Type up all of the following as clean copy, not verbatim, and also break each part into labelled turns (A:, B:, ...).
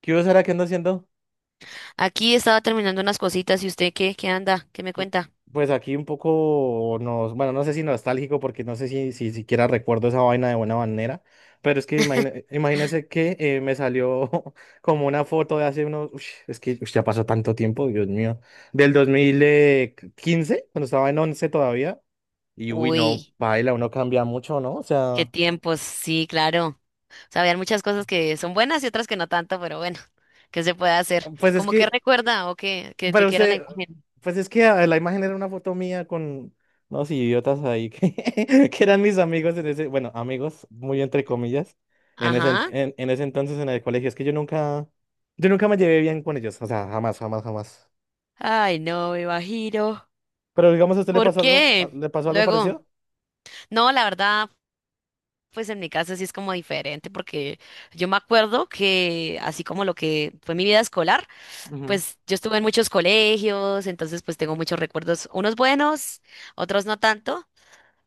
A: ¿Qué hubo, Sara? ¿Qué ando haciendo?
B: Aquí estaba terminando unas cositas y usted qué, qué me cuenta.
A: Pues aquí un poco, bueno, no sé si nostálgico, porque no sé si siquiera recuerdo esa vaina de buena manera, pero es que imagínese que me salió como una foto de hace unos, ush, es que ush, ya pasó tanto tiempo, Dios mío, del 2015 cuando estaba en 11 todavía, y uy, no,
B: Uy,
A: baila, uno cambia mucho, ¿no? O
B: qué
A: sea,
B: tiempos, sí, claro. O sea, habían muchas cosas que son buenas y otras que no tanto, pero bueno, ¿qué se puede hacer?
A: pues es
B: ¿Cómo que
A: que
B: recuerda o qué, que de
A: pero
B: qué era la
A: usted,
B: imagen?
A: pues es que la imagen era una foto mía con unos idiotas ahí que, que eran mis amigos en ese, bueno, amigos, muy entre comillas, en ese, en,
B: Ajá.
A: en- en ese entonces en el colegio. Es que yo nunca me llevé bien con ellos, o sea, jamás, jamás, jamás.
B: Ay, no, me imagino.
A: Pero digamos, ¿a usted le
B: ¿Por
A: pasó algo,
B: qué?
A: le pasó algo
B: Luego,
A: parecido?
B: no, la verdad, pues en mi caso sí es como diferente, porque yo me acuerdo que así como lo que fue mi vida escolar,
A: Ujú.
B: pues yo estuve en muchos colegios, entonces pues tengo muchos recuerdos, unos buenos, otros no tanto,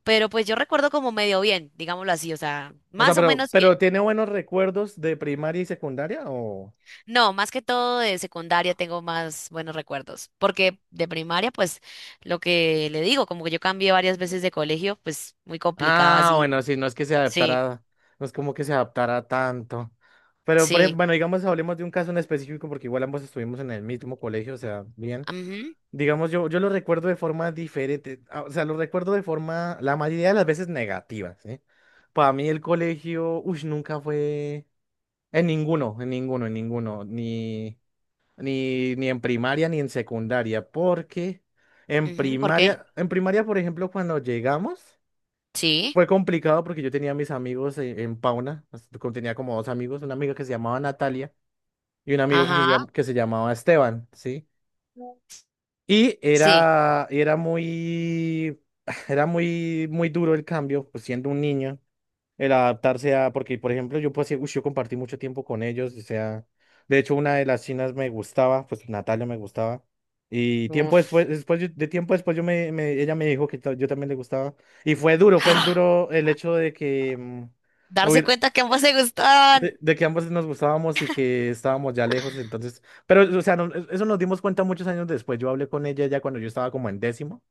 B: pero pues yo recuerdo como medio bien, digámoslo así, o sea,
A: O sea,
B: más o menos bien.
A: pero ¿tiene buenos recuerdos de primaria y secundaria o...?
B: No, más que todo de secundaria tengo más buenos recuerdos, porque de primaria pues lo que le digo, como que yo cambié varias veces de colegio, pues muy complicado
A: Ah,
B: así.
A: bueno, sí, no es que se
B: Sí,
A: adaptara, no es como que se adaptara tanto. Pero, por
B: sí.
A: bueno, digamos, hablemos de un caso en específico, porque igual ambos estuvimos en el mismo colegio, o sea, bien.
B: Mhm.
A: Digamos, yo lo recuerdo de forma diferente, o sea, lo recuerdo de forma, la mayoría de las veces negativa, ¿sí? Para mí el colegio, uy, nunca fue, en ninguno, en ninguno, en ninguno, ni en primaria ni en secundaria, porque en
B: ¿Por qué?
A: primaria, en primaria, por ejemplo, cuando llegamos...
B: Sí,
A: Fue complicado porque yo tenía mis amigos en Pauna, como tenía como dos amigos, una amiga que se llamaba Natalia y un amigo que se,
B: ajá,
A: que se llamaba Esteban, ¿sí? Y
B: sí.
A: era muy, era muy, muy duro el cambio, pues siendo un niño el adaptarse a, porque por ejemplo yo pues sí, uy, yo compartí mucho tiempo con ellos, o sea, de hecho una de las chinas me gustaba, pues Natalia me gustaba, y tiempo después,
B: Uf.
A: después yo- de tiempo después yo me, ella me dijo que yo también le gustaba, y fue duro, fue el
B: ¡Ah!
A: duro el hecho de que, no
B: Darse
A: hubiera-
B: cuenta que ambos se
A: de,
B: gustaban.
A: de que ambos nos gustábamos y que estábamos ya lejos, entonces, pero o sea, eso nos dimos cuenta muchos años después, yo hablé con ella ya cuando yo estaba como en décimo.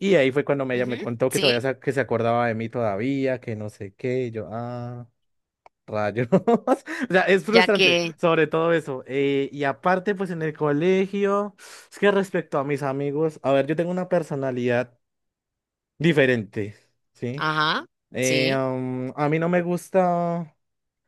A: Y ahí fue cuando ella me
B: Ujú.
A: contó que
B: Sí.
A: todavía se, que se acordaba de mí todavía, que no sé qué, y yo, ah. Rayos. O sea, es
B: Ya
A: frustrante,
B: que,
A: sobre todo eso. Y aparte, pues en el colegio, es que respecto a mis amigos, a ver, yo tengo una personalidad diferente, ¿sí?
B: ajá, sí.
A: A mí no me gusta,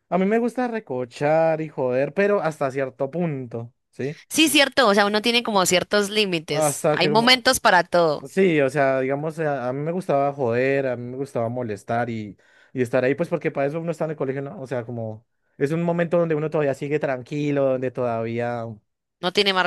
A: a mí me gusta recochar y joder, pero hasta cierto punto, ¿sí?
B: Sí, cierto, o sea, uno tiene como ciertos límites.
A: Hasta
B: Hay
A: que,
B: momentos para todo.
A: sí, o sea, digamos, a mí me gustaba joder, a mí me gustaba molestar y estar ahí, pues porque para eso uno está en el colegio, ¿no? O sea, como es un momento donde uno todavía sigue tranquilo, donde todavía
B: No tiene más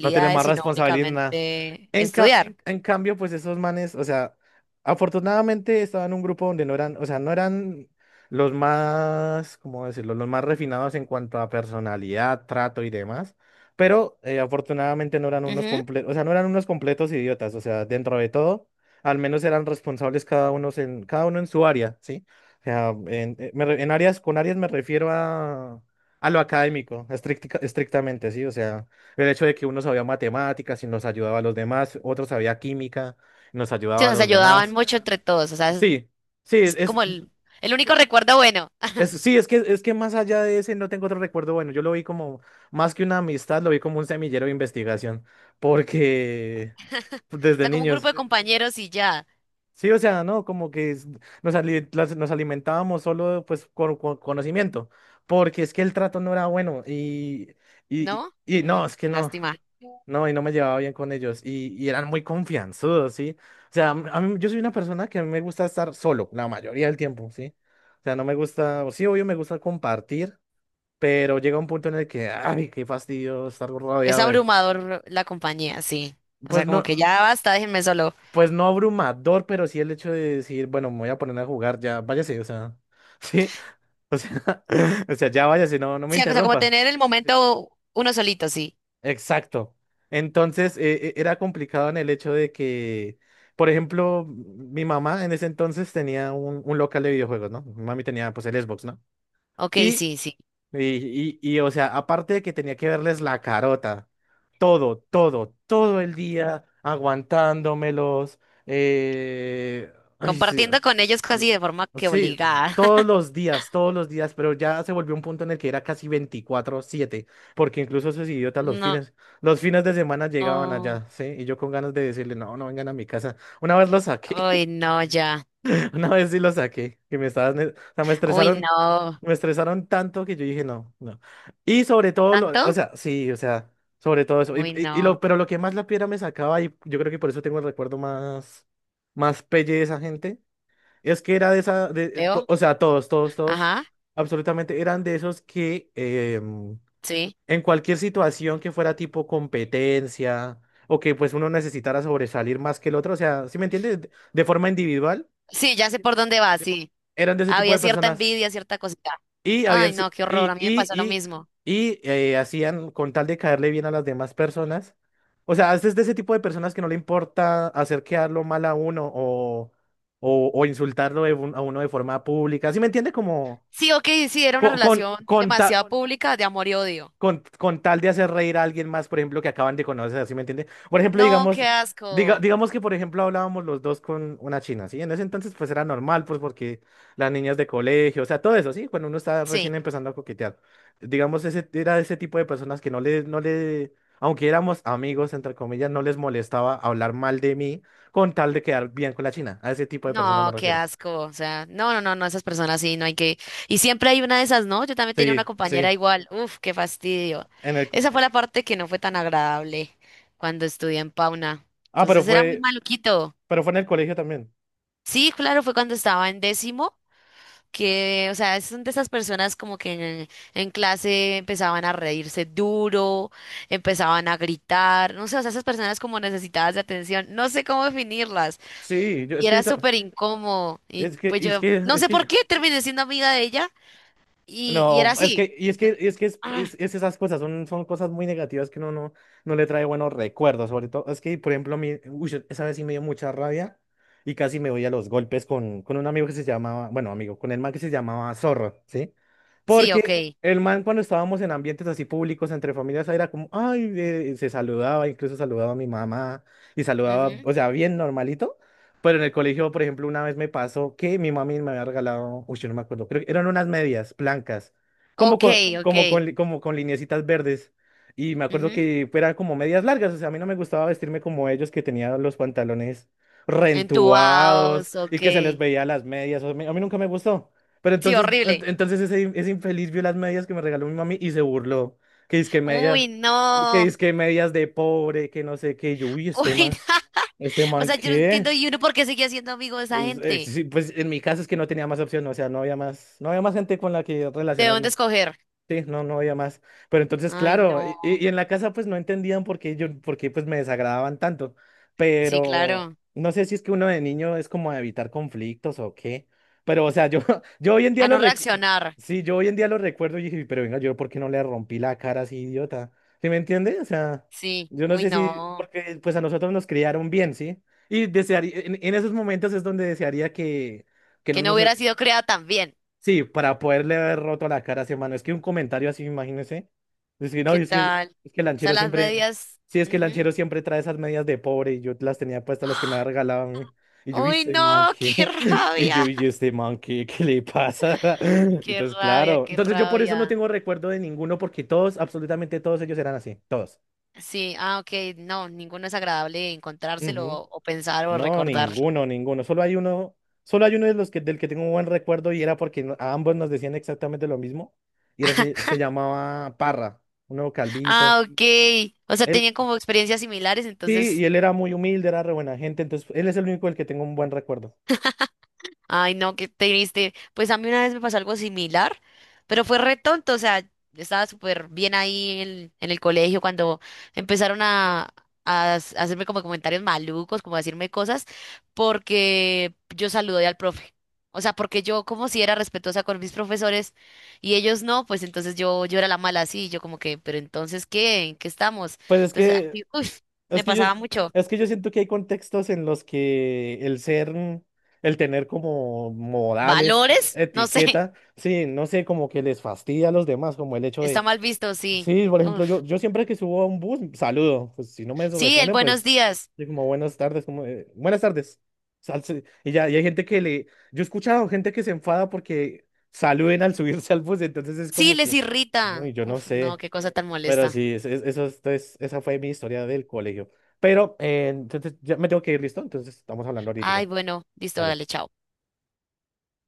A: no tienen más
B: sino
A: responsabilidad en nada.
B: únicamente
A: En ca-
B: estudiar.
A: en cambio, pues esos manes, o sea, afortunadamente estaban en un grupo donde no eran, o sea, no eran los más, ¿cómo decirlo? Los más refinados en cuanto a personalidad, trato y demás. Pero afortunadamente no eran unos
B: Ujú.
A: completos, o sea, no eran unos completos idiotas. O sea, dentro de todo, al menos eran responsables cada uno en su área, ¿sí? O sea, en áreas, con áreas me refiero a lo académico, estrictamente, ¿sí? O sea. El hecho de que uno sabía matemáticas y nos ayudaba a los demás, otro sabía química y nos
B: Sí, o
A: ayudaba a
B: sea, se
A: los
B: ayudaban
A: demás.
B: mucho entre todos. O sea, es
A: Sí, sí,
B: es como el único recuerdo bueno.
A: sí, es que más allá de ese no tengo otro recuerdo bueno. Yo lo vi como, más que una amistad, lo vi como un semillero de investigación, porque pues,
B: O
A: desde
B: sea, como un grupo
A: niños.
B: de compañeros y ya,
A: Sí, o sea, no, como que nos alimentábamos solo pues con conocimiento, porque es que el trato no era bueno y, y, y
B: ¿no?
A: y
B: Mm,
A: no, es que no.
B: lástima.
A: No, y no me llevaba bien con ellos. Y eran muy confianzudos, ¿sí? O sea, yo soy una persona que a mí me gusta estar solo la mayoría del tiempo, ¿sí? O sea, no me gusta, o sí, obvio, me gusta compartir, pero llega un punto en el que, ay, qué fastidio estar
B: Es
A: rodeado de...
B: abrumador la compañía, sí. O sea,
A: Pues
B: como
A: no,
B: que ya basta, déjenme solo.
A: pues no abrumador, pero sí el hecho de decir, bueno, me voy a poner a jugar, ya, váyase, o sea, ¿sí? O sea, o sea, ya váyase, no, no me
B: Sí, o sea, como
A: interrumpa.
B: tener el momento uno solito, sí.
A: Exacto. Entonces, era complicado en el hecho de que, por ejemplo, mi mamá en ese entonces tenía un local de videojuegos, ¿no? Mi mami tenía pues el Xbox, ¿no?
B: Ok,
A: Y
B: sí, sí.
A: y, o sea, aparte de que tenía que verles la carota, todo, todo, todo el día aguantándomelos, eh, sí,
B: Compartiendo con ellos
A: mm,
B: casi de forma que
A: sí,
B: obligada.
A: todos los días, pero ya se volvió un punto en el que era casi 24/7 porque incluso esos idiotas
B: No.
A: los fines de semana llegaban
B: No.
A: allá, ¿sí? Y yo con ganas de decirle, no, no vengan a mi casa. Una vez los
B: Uy,
A: saqué.
B: no, ya.
A: Una vez sí lo saqué, que me estaban, o sea, me
B: Uy,
A: estresaron,
B: no.
A: me estresaron tanto que yo dije no, no. Y sobre todo, lo, o
B: ¿Tanto?
A: sea, sí, o sea, sobre todo eso.
B: Uy, no.
A: Pero lo que más la piedra me sacaba, y yo creo que por eso tengo el recuerdo más, más pelle de esa gente, es que era de esa, de,
B: ¿Veo?
A: o sea, todos, todos, todos,
B: Ajá.
A: absolutamente eran de esos que em,
B: Sí.
A: en cualquier situación que fuera tipo competencia o que pues uno necesitara sobresalir más que el otro, o sea, ¿sí me entiendes? De forma individual
B: Sí, ya sé por dónde va, sí.
A: eran de ese tipo
B: Había
A: de
B: cierta
A: personas
B: envidia, cierta cosita.
A: y habían
B: Ay, no, qué horror. A mí me pasó lo mismo.
A: hacían con tal de caerle bien a las demás personas. O sea, es de ese tipo de personas que no le importa hacer quedarlo mal a uno o o insultarlo de a uno de forma pública. ¿Sí me entiende? Como
B: Sí, ok, sí, era una
A: co- con
B: relación
A: con, ta-
B: demasiado pública de amor y odio.
A: con tal de hacer reír a alguien más, por ejemplo, que acaban de conocer, ¿sí me entiende? Por ejemplo,
B: No,
A: digamos,
B: qué asco.
A: digamos que, por ejemplo, hablábamos los dos con una china, ¿sí? En ese entonces, pues era normal, pues porque las niñas de colegio, o sea, todo eso, ¿sí? Cuando uno está recién
B: Sí.
A: empezando a coquetear. Digamos, ese, era ese tipo de personas que no le, aunque éramos amigos, entre comillas, no les molestaba hablar mal de mí con tal de quedar bien con la china. A ese tipo de personas me
B: No, qué
A: refiero.
B: asco. O sea, no, no, no, no, esas personas sí, no hay que. Y siempre hay una de esas, ¿no? Yo también tenía una.
A: Sí,
B: Sí,
A: sí.
B: compañera igual. Uf, qué fastidio.
A: En el,
B: Esa fue la parte que no fue tan agradable cuando estudié en Pauna.
A: pero
B: Entonces era muy
A: fue,
B: maluquito.
A: pero fue en el colegio también.
B: Sí, claro, fue cuando estaba en décimo, que, o sea, son de esas personas como que en, en clase empezaban a reírse duro, empezaban a gritar, no sé, o sea, esas personas como necesitadas de atención, no sé cómo definirlas.
A: Sí, yo,
B: Y
A: es que
B: era
A: yo ta-
B: súper incómodo. Y
A: Es que,
B: pues
A: es
B: yo,
A: que,
B: no
A: es
B: sé por
A: que,
B: qué, terminé siendo amiga de ella. Y
A: no,
B: era
A: es
B: así.
A: que, y es que, y es que,
B: Ah,
A: es esas cosas son cosas muy negativas que uno no, no le trae buenos recuerdos, sobre todo, es que, por ejemplo, a uy, esa vez sí me dio mucha rabia y casi me voy a los golpes con un amigo que se llamaba, bueno, amigo, con el man que se llamaba Zorro, ¿sí?
B: sí, ok.
A: Porque el man cuando estábamos en ambientes así públicos, entre familias, era como, ay, se saludaba, incluso saludaba a mi mamá y saludaba,
B: Ujú.
A: o sea, bien normalito. Pero en el colegio, por ejemplo, una vez me pasó que mi mami me había regalado, uy, yo no me acuerdo, creo que eran unas medias blancas,
B: Ok, ok.
A: como con lineecitas verdes. Y me acuerdo
B: Ujú.
A: que eran como medias largas, o sea, a mí no me gustaba vestirme como ellos que tenían los pantalones rentuados
B: Entubados,
A: y que se les
B: ok.
A: veía las medias. O sea, a mí nunca me gustó. Pero
B: Sí,
A: entonces,
B: horrible.
A: entonces ese infeliz vio las medias que me regaló mi mami y se burló. Que es que medias,
B: Uy,
A: que
B: no.
A: es que medias de pobre, que no sé qué. Y yo, uy,
B: Uy.
A: este
B: O
A: man,
B: sea, yo no entiendo
A: ¿qué?
B: y uno por qué seguía siendo amigo de esa
A: Pues,
B: gente.
A: sí, pues en mi caso es que no tenía más opción, o sea, no había más, no había más gente con la que
B: ¿De dónde
A: relacionarme.
B: escoger?
A: Sí, no, no había más. Pero entonces,
B: Ay,
A: claro,
B: no.
A: y en la casa pues no entendían por qué yo, por qué pues me desagradaban tanto.
B: Sí,
A: Pero
B: claro.
A: no sé si es que uno de niño es como a evitar conflictos o qué. Pero, o sea, yo, yo hoy en día
B: A no reaccionar.
A: sí, yo hoy en día lo recuerdo y dije, pero venga, yo por qué no le rompí la cara así, idiota. ¿Sí me entiende? O sea,
B: Sí.
A: yo no
B: Uy,
A: sé si,
B: no.
A: porque pues a nosotros nos criaron bien, ¿sí? Y desearía, en esos momentos es donde desearía que no
B: Que no
A: nos
B: hubiera sido creada tan bien.
A: sí, para poderle haber roto la cara a ese mano. Es que un comentario así, imagínese. Es que no,
B: ¿Qué
A: es que,
B: tal?
A: es que el
B: O sea,
A: lanchero
B: las
A: siempre.
B: medias.
A: Sí, es que el
B: Ujú.
A: lanchero siempre trae esas medias de pobre y yo las tenía puestas las que me había regalado. A mí. Y yo, "¿Y
B: Uy,
A: este man
B: no. Qué
A: qué? Y
B: rabia,
A: yo, "¿Y este man qué? ¿Qué le pasa?
B: qué
A: Entonces,
B: rabia,
A: claro.
B: qué
A: Entonces, yo por eso no
B: rabia.
A: tengo recuerdo de ninguno, porque todos, absolutamente todos ellos eran así.
B: Sí, ah, ok, no, ninguno es agradable encontrárselo
A: Todos.
B: o pensar o
A: No,
B: recordar.
A: ninguno, ninguno. Solo hay uno de los que, del que tengo un buen recuerdo y era porque a ambos nos decían exactamente lo mismo. Y era, se llamaba Parra, un nuevo calvito.
B: Ah, ok, o sea,
A: Él,
B: tenían como experiencias similares,
A: sí, y
B: entonces
A: él era muy humilde, era re buena gente, entonces él es el único del que tengo un buen recuerdo.
B: ay, no, qué triste. Pues a mí una vez me pasó algo similar, pero fue re tonto, o sea, estaba súper bien ahí en el colegio cuando empezaron a, hacerme como comentarios malucos, como a decirme cosas, porque yo saludé al profe. O sea, porque yo como si era respetuosa con mis profesores y ellos no, pues entonces yo era la mala así, yo como que, pero entonces, ¿qué? ¿En qué estamos?
A: Pues es
B: Entonces,
A: que,
B: así, uy,
A: es
B: me
A: que yo,
B: pasaba mucho.
A: es que yo siento que hay contextos en los que el ser, el tener como modales,
B: ¿Valores? No sé,
A: etiqueta, sí, no sé, como que les fastidia a los demás, como el hecho
B: está
A: de
B: mal visto, sí.
A: sí, por ejemplo, yo siempre que subo a un bus, saludo. Pues si no me
B: Sí, el
A: responden,
B: buenos
A: pues
B: días.
A: yo como buenas tardes, como buenas tardes. Sal- y ya, y hay gente que le, yo he escuchado gente que se enfada porque saluden al subirse al bus, entonces es
B: Sí,
A: como
B: les
A: que, uy,
B: irrita.
A: yo no
B: Uf, no,
A: sé.
B: qué cosa tan
A: Pero
B: molesta.
A: sí, eso esa fue mi historia del colegio. Pero entonces ya me tengo que ir, ¿listo? Entonces estamos hablando
B: Ay,
A: ahorita.
B: bueno, listo,
A: Vale.
B: dale, chao.